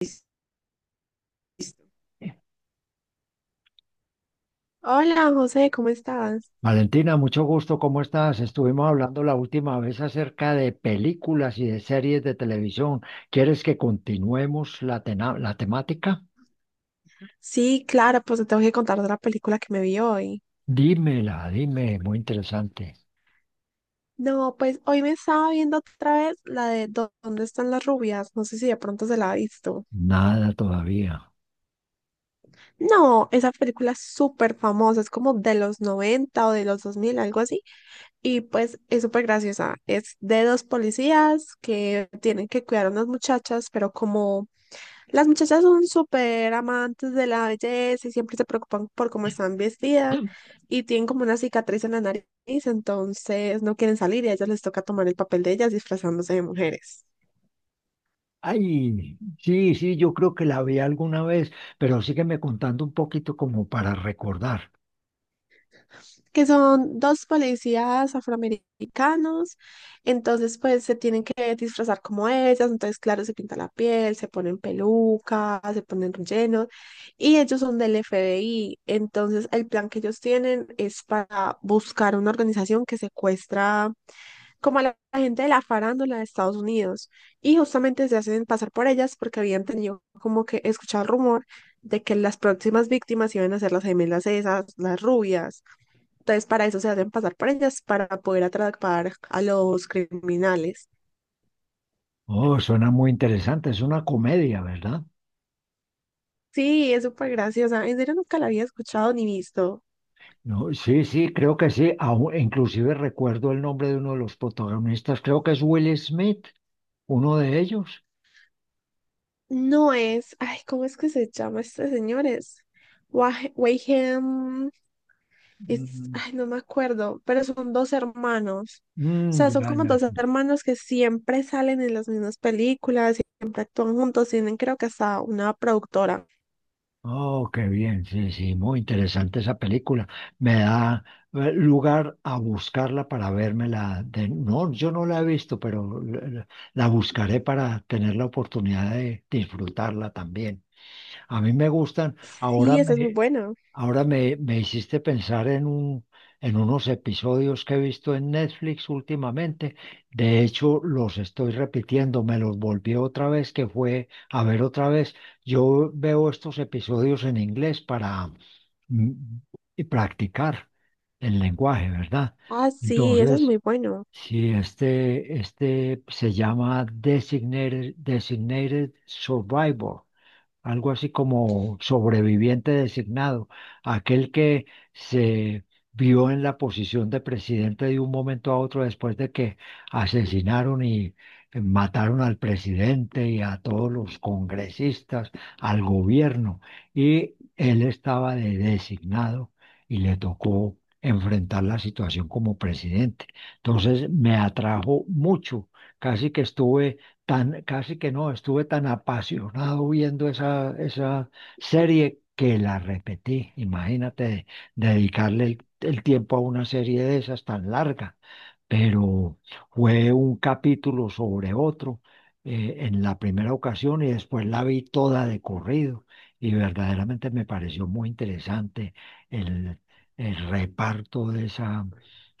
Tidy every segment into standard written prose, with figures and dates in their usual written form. Listo. Hola José, ¿cómo estás? Valentina, mucho gusto, ¿cómo estás? Estuvimos hablando la última vez acerca de películas y de series de televisión. ¿Quieres que continuemos la temática? Sí, claro, pues te tengo que contar de la película que me vi hoy. Dímela, dime, muy interesante. No, pues hoy me estaba viendo otra vez la de ¿Dónde están las rubias? No sé si de pronto se la ha visto. Nada todavía. No, esa película es súper famosa, es como de los 90 o de los 2000, algo así. Y pues es súper graciosa. Es de dos policías que tienen que cuidar a unas muchachas, pero como las muchachas son súper amantes de la belleza y siempre se preocupan por cómo están vestidas y tienen como una cicatriz en la nariz, entonces no quieren salir y a ellas les toca tomar el papel de ellas disfrazándose de mujeres, Ay, sí, sí, yo creo que la vi alguna vez, pero sígueme contando un poquito como para recordar. que son dos policías afroamericanos, entonces pues se tienen que disfrazar como ellas, entonces claro, se pinta la piel, se ponen pelucas, se ponen rellenos y ellos son del FBI, entonces el plan que ellos tienen es para buscar una organización que secuestra como a la gente de la farándula de Estados Unidos y justamente se hacen pasar por ellas porque habían tenido como que escuchar el rumor de que las próximas víctimas iban a ser las gemelas esas, las rubias. Entonces para eso se hacen pasar por ellas para poder atrapar a los criminales. Oh, suena muy interesante, es una comedia, ¿verdad? Sí, es súper graciosa. En serio nunca la había escuchado ni visto. No, sí, sí, creo que sí. Inclusive recuerdo el nombre de uno de los protagonistas. Creo que es Will Smith, uno de ellos. No es, ay, ¿cómo es que se llama este señor? Es Wayham Ujú. ay, no me acuerdo, pero son dos hermanos. O Mm, sea, son ya, como ya, dos sí. hermanos que siempre salen en las mismas películas, siempre actúan juntos, tienen creo que hasta una productora. Oh, qué bien, sí, sí, muy interesante esa película. Me da lugar a buscarla para vérmela. No, yo no la he visto, pero buscaré para tener la oportunidad de disfrutarla también. A mí me gustan, Sí, esa es muy buena. ahora me, me hiciste pensar en en unos episodios que he visto en Netflix últimamente. De hecho, los estoy repitiendo, me los volví otra vez, que fue a ver otra vez. Yo veo estos episodios en inglés para mm, y practicar el lenguaje, ¿verdad? Ah, sí, esa es Entonces, muy buena. si este, este se llama Designated Survivor, algo así como sobreviviente designado, aquel que se vio en la posición de presidente de un momento a otro después de que asesinaron y mataron al presidente y a todos los congresistas, al gobierno, y él estaba de designado y le tocó enfrentar la situación como presidente. Entonces me atrajo mucho, casi que estuve tan, casi que no, estuve tan apasionado viendo esa serie que la repetí. Imagínate dedicarle el tiempo a una serie de esas tan larga, pero fue un capítulo sobre otro en la primera ocasión, y después la vi toda de corrido y verdaderamente me pareció muy interesante el, el reparto de esa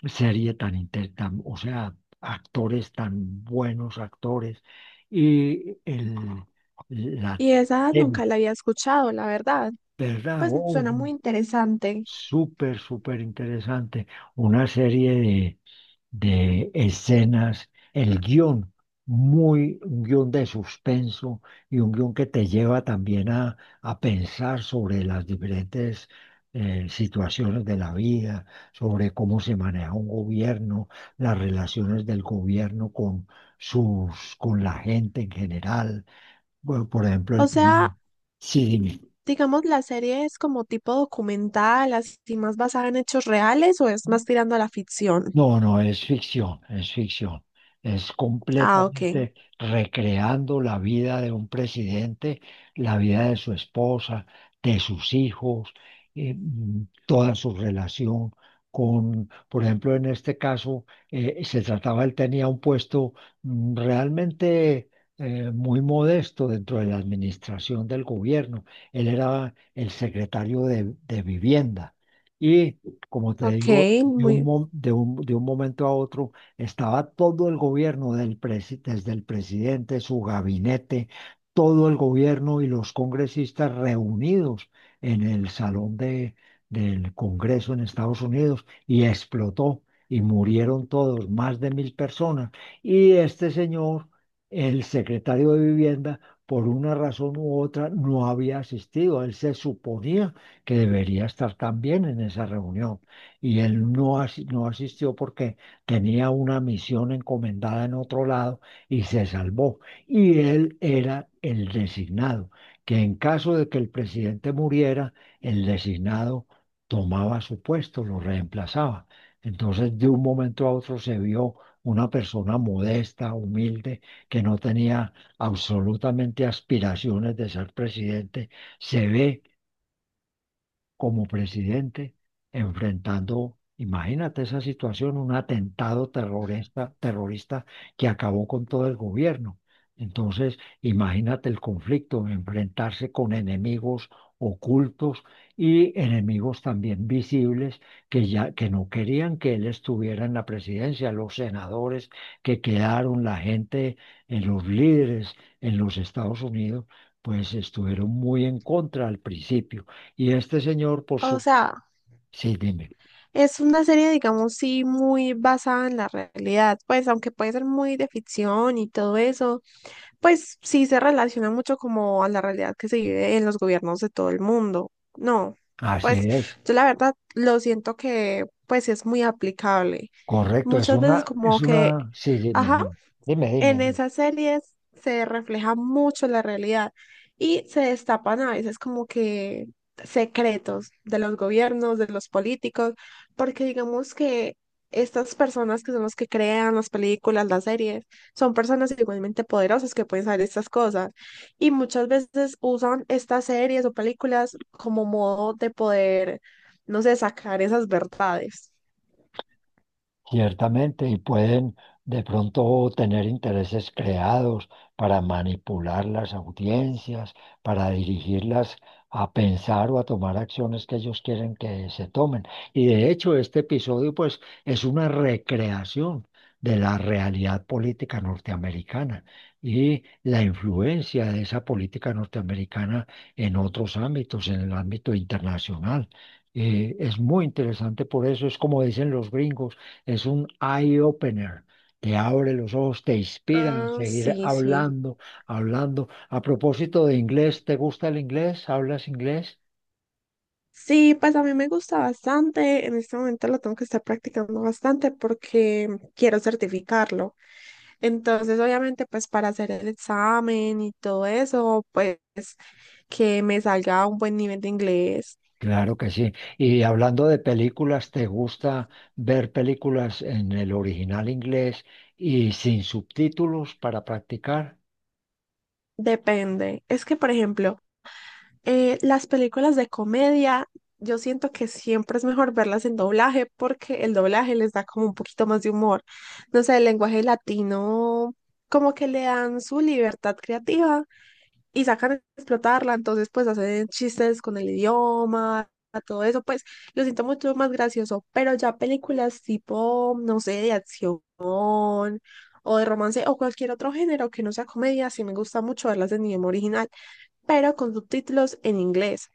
serie o sea, actores tan buenos, actores y el la Y esa nunca tema, la había escuchado, la verdad. ¿verdad? Pues Oh, suena muy interesante. súper, súper interesante. Una serie de escenas, el guión, muy, un guión de suspenso y un guión que te lleva también a pensar sobre las diferentes situaciones de la vida, sobre cómo se maneja un gobierno, las relaciones del gobierno con con la gente en general, bueno, por ejemplo, el O tema. sea, Sí, dime. digamos, la serie es como tipo documental, así más basada en hechos reales o es más tirando a la ficción. No, no, es ficción, es ficción. Es Ah, ok. completamente recreando la vida de un presidente, la vida de su esposa, de sus hijos, toda su relación con, por ejemplo, en este caso, se trataba, él tenía un puesto realmente muy modesto dentro de la administración del gobierno. Él era el secretario de vivienda. Y como te Ok, digo, de un, muy, mo- de un momento a otro estaba todo el gobierno, desde el presidente, su gabinete, todo el gobierno y los congresistas reunidos en el del Congreso en Estados Unidos, y explotó y murieron todos, más de mil personas. Y este señor, el secretario de Vivienda, por una razón u otra, no había asistido. Él se suponía que debería estar también en esa reunión y él no, asi- no asistió porque tenía una misión encomendada en otro lado y se salvó. Y él era el designado, que en caso de que el presidente muriera, el designado tomaba su puesto, lo reemplazaba. Entonces, de un momento a otro se vio una persona modesta, humilde, que no tenía absolutamente aspiraciones de ser presidente, se ve como presidente enfrentando, imagínate esa situación, un atentado terrorista que acabó con todo el gobierno. Entonces, imagínate el conflicto, enfrentarse con enemigos ocultos y enemigos también visibles, que ya que no querían que él estuviera en la presidencia, los senadores que quedaron, la gente, los líderes en los Estados Unidos, pues estuvieron muy en contra al principio. Y este señor, por o su... sea, Sí, dime. es una serie, digamos, sí, muy basada en la realidad, pues aunque puede ser muy de ficción y todo eso, pues sí se relaciona mucho como a la realidad que se vive en los gobiernos de todo el mundo. No, Así pues es. yo la verdad lo siento que pues es muy aplicable. Correcto. Muchas veces como que, Sí, dime, ajá, dime, dime, en dime. esas series se refleja mucho la realidad y se destapan a veces como que secretos de los gobiernos, de los políticos, porque digamos que estas personas que son los que crean las películas, las series, son personas igualmente poderosas que pueden saber estas cosas y muchas veces usan estas series o películas como modo de poder, no sé, sacar esas verdades. Ciertamente, y pueden de pronto tener intereses creados para manipular las audiencias, para dirigirlas a pensar o a tomar acciones que ellos quieren que se tomen. Y de hecho, este episodio, pues, es una recreación de la realidad política norteamericana y la influencia de esa política norteamericana en otros ámbitos, en el ámbito internacional. Es muy interesante por eso, es como dicen los gringos, es un eye opener. Te abre los ojos, te inspira a Ah, seguir sí, sí. hablando. A propósito de inglés, ¿te gusta el inglés? ¿Hablas inglés? Sí, pues a mí me gusta bastante. En este momento lo tengo que estar practicando bastante porque quiero certificarlo. Entonces, obviamente, pues para hacer el examen y todo eso, pues que me salga a un buen nivel de inglés. Claro que sí. Y hablando de películas, ¿te gusta ver películas en el original inglés y sin subtítulos para practicar? Depende. Es que, por ejemplo, eh, las películas de comedia, yo siento que siempre es mejor verlas en doblaje porque el doblaje les da como un poquito más de humor. No sé, el lenguaje latino, como que le dan su libertad creativa y sacan a explotarla, entonces pues hacen chistes con el idioma, todo eso, pues lo siento mucho más gracioso, pero ya películas tipo, no sé, de acción o de romance o cualquier otro género que no sea comedia, sí me gusta mucho verlas en idioma original pero con subtítulos en inglés,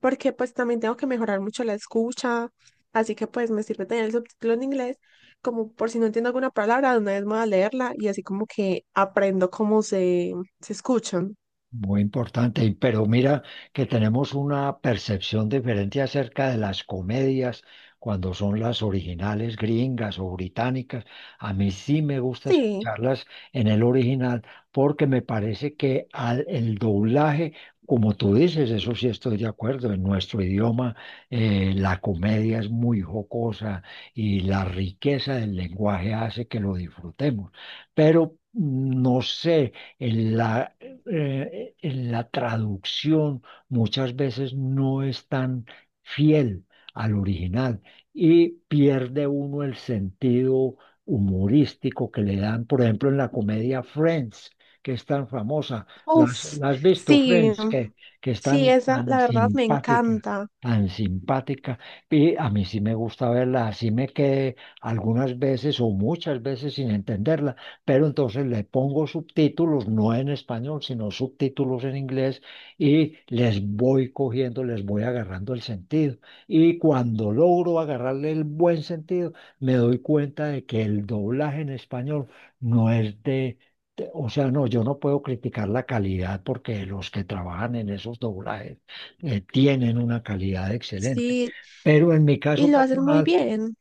porque pues también tengo que mejorar mucho la escucha, así que pues me sirve tener el subtítulo en inglés, como por si no entiendo alguna palabra, de una vez me voy a leerla y así como que aprendo cómo se, se escuchan. Muy importante, y- pero mira que tenemos una percepción diferente acerca de las comedias cuando son las originales gringas o británicas. A mí sí me gusta Sí, escucharlas en el original porque me parece que el doblaje, como tú dices, eso sí estoy de acuerdo, en nuestro idioma la comedia es muy jocosa y la riqueza del lenguaje hace que lo disfrutemos. Pero no sé en la en la traducción muchas veces no es tan fiel al original y pierde uno el sentido humorístico que le dan, por ejemplo, en la comedia Friends, que es tan famosa. Uff, Las has visto, sí, Friends? Que es sí, tan, esa tan la verdad me simpática. encanta, Tan simpática, y a mí sí me gusta verla, así me quedé algunas veces o muchas veces sin entenderla, pero entonces le pongo subtítulos, no en español, sino subtítulos en inglés y les voy cogiendo, les voy agarrando el sentido. Y cuando logro agarrarle el buen sentido, me doy cuenta de que el doblaje en español no es O sea, no, yo no puedo criticar la calidad porque los que trabajan en esos doblajes tienen una calidad excelente. sí, Pero en mi y caso lo hacen muy personal, bien,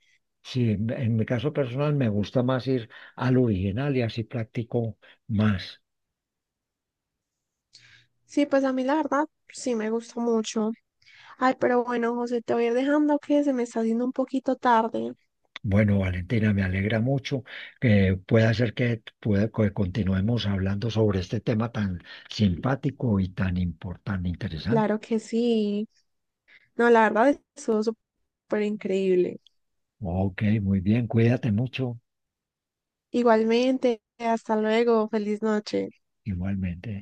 sí, en mi caso personal me gusta más ir al original y así practico más. sí, pues a mí la verdad sí me gusta mucho. Ay, pero bueno, José, te voy a ir dejando que se me está haciendo un poquito tarde. Bueno, Valentina, me alegra mucho que pueda ser que, pueda, que continuemos hablando sobre este tema tan simpático y tan importante, interesante. Claro que sí. No, la verdad, estuvo súper increíble. Ok, muy bien, cuídate mucho, Igualmente, hasta luego, feliz noche. igualmente.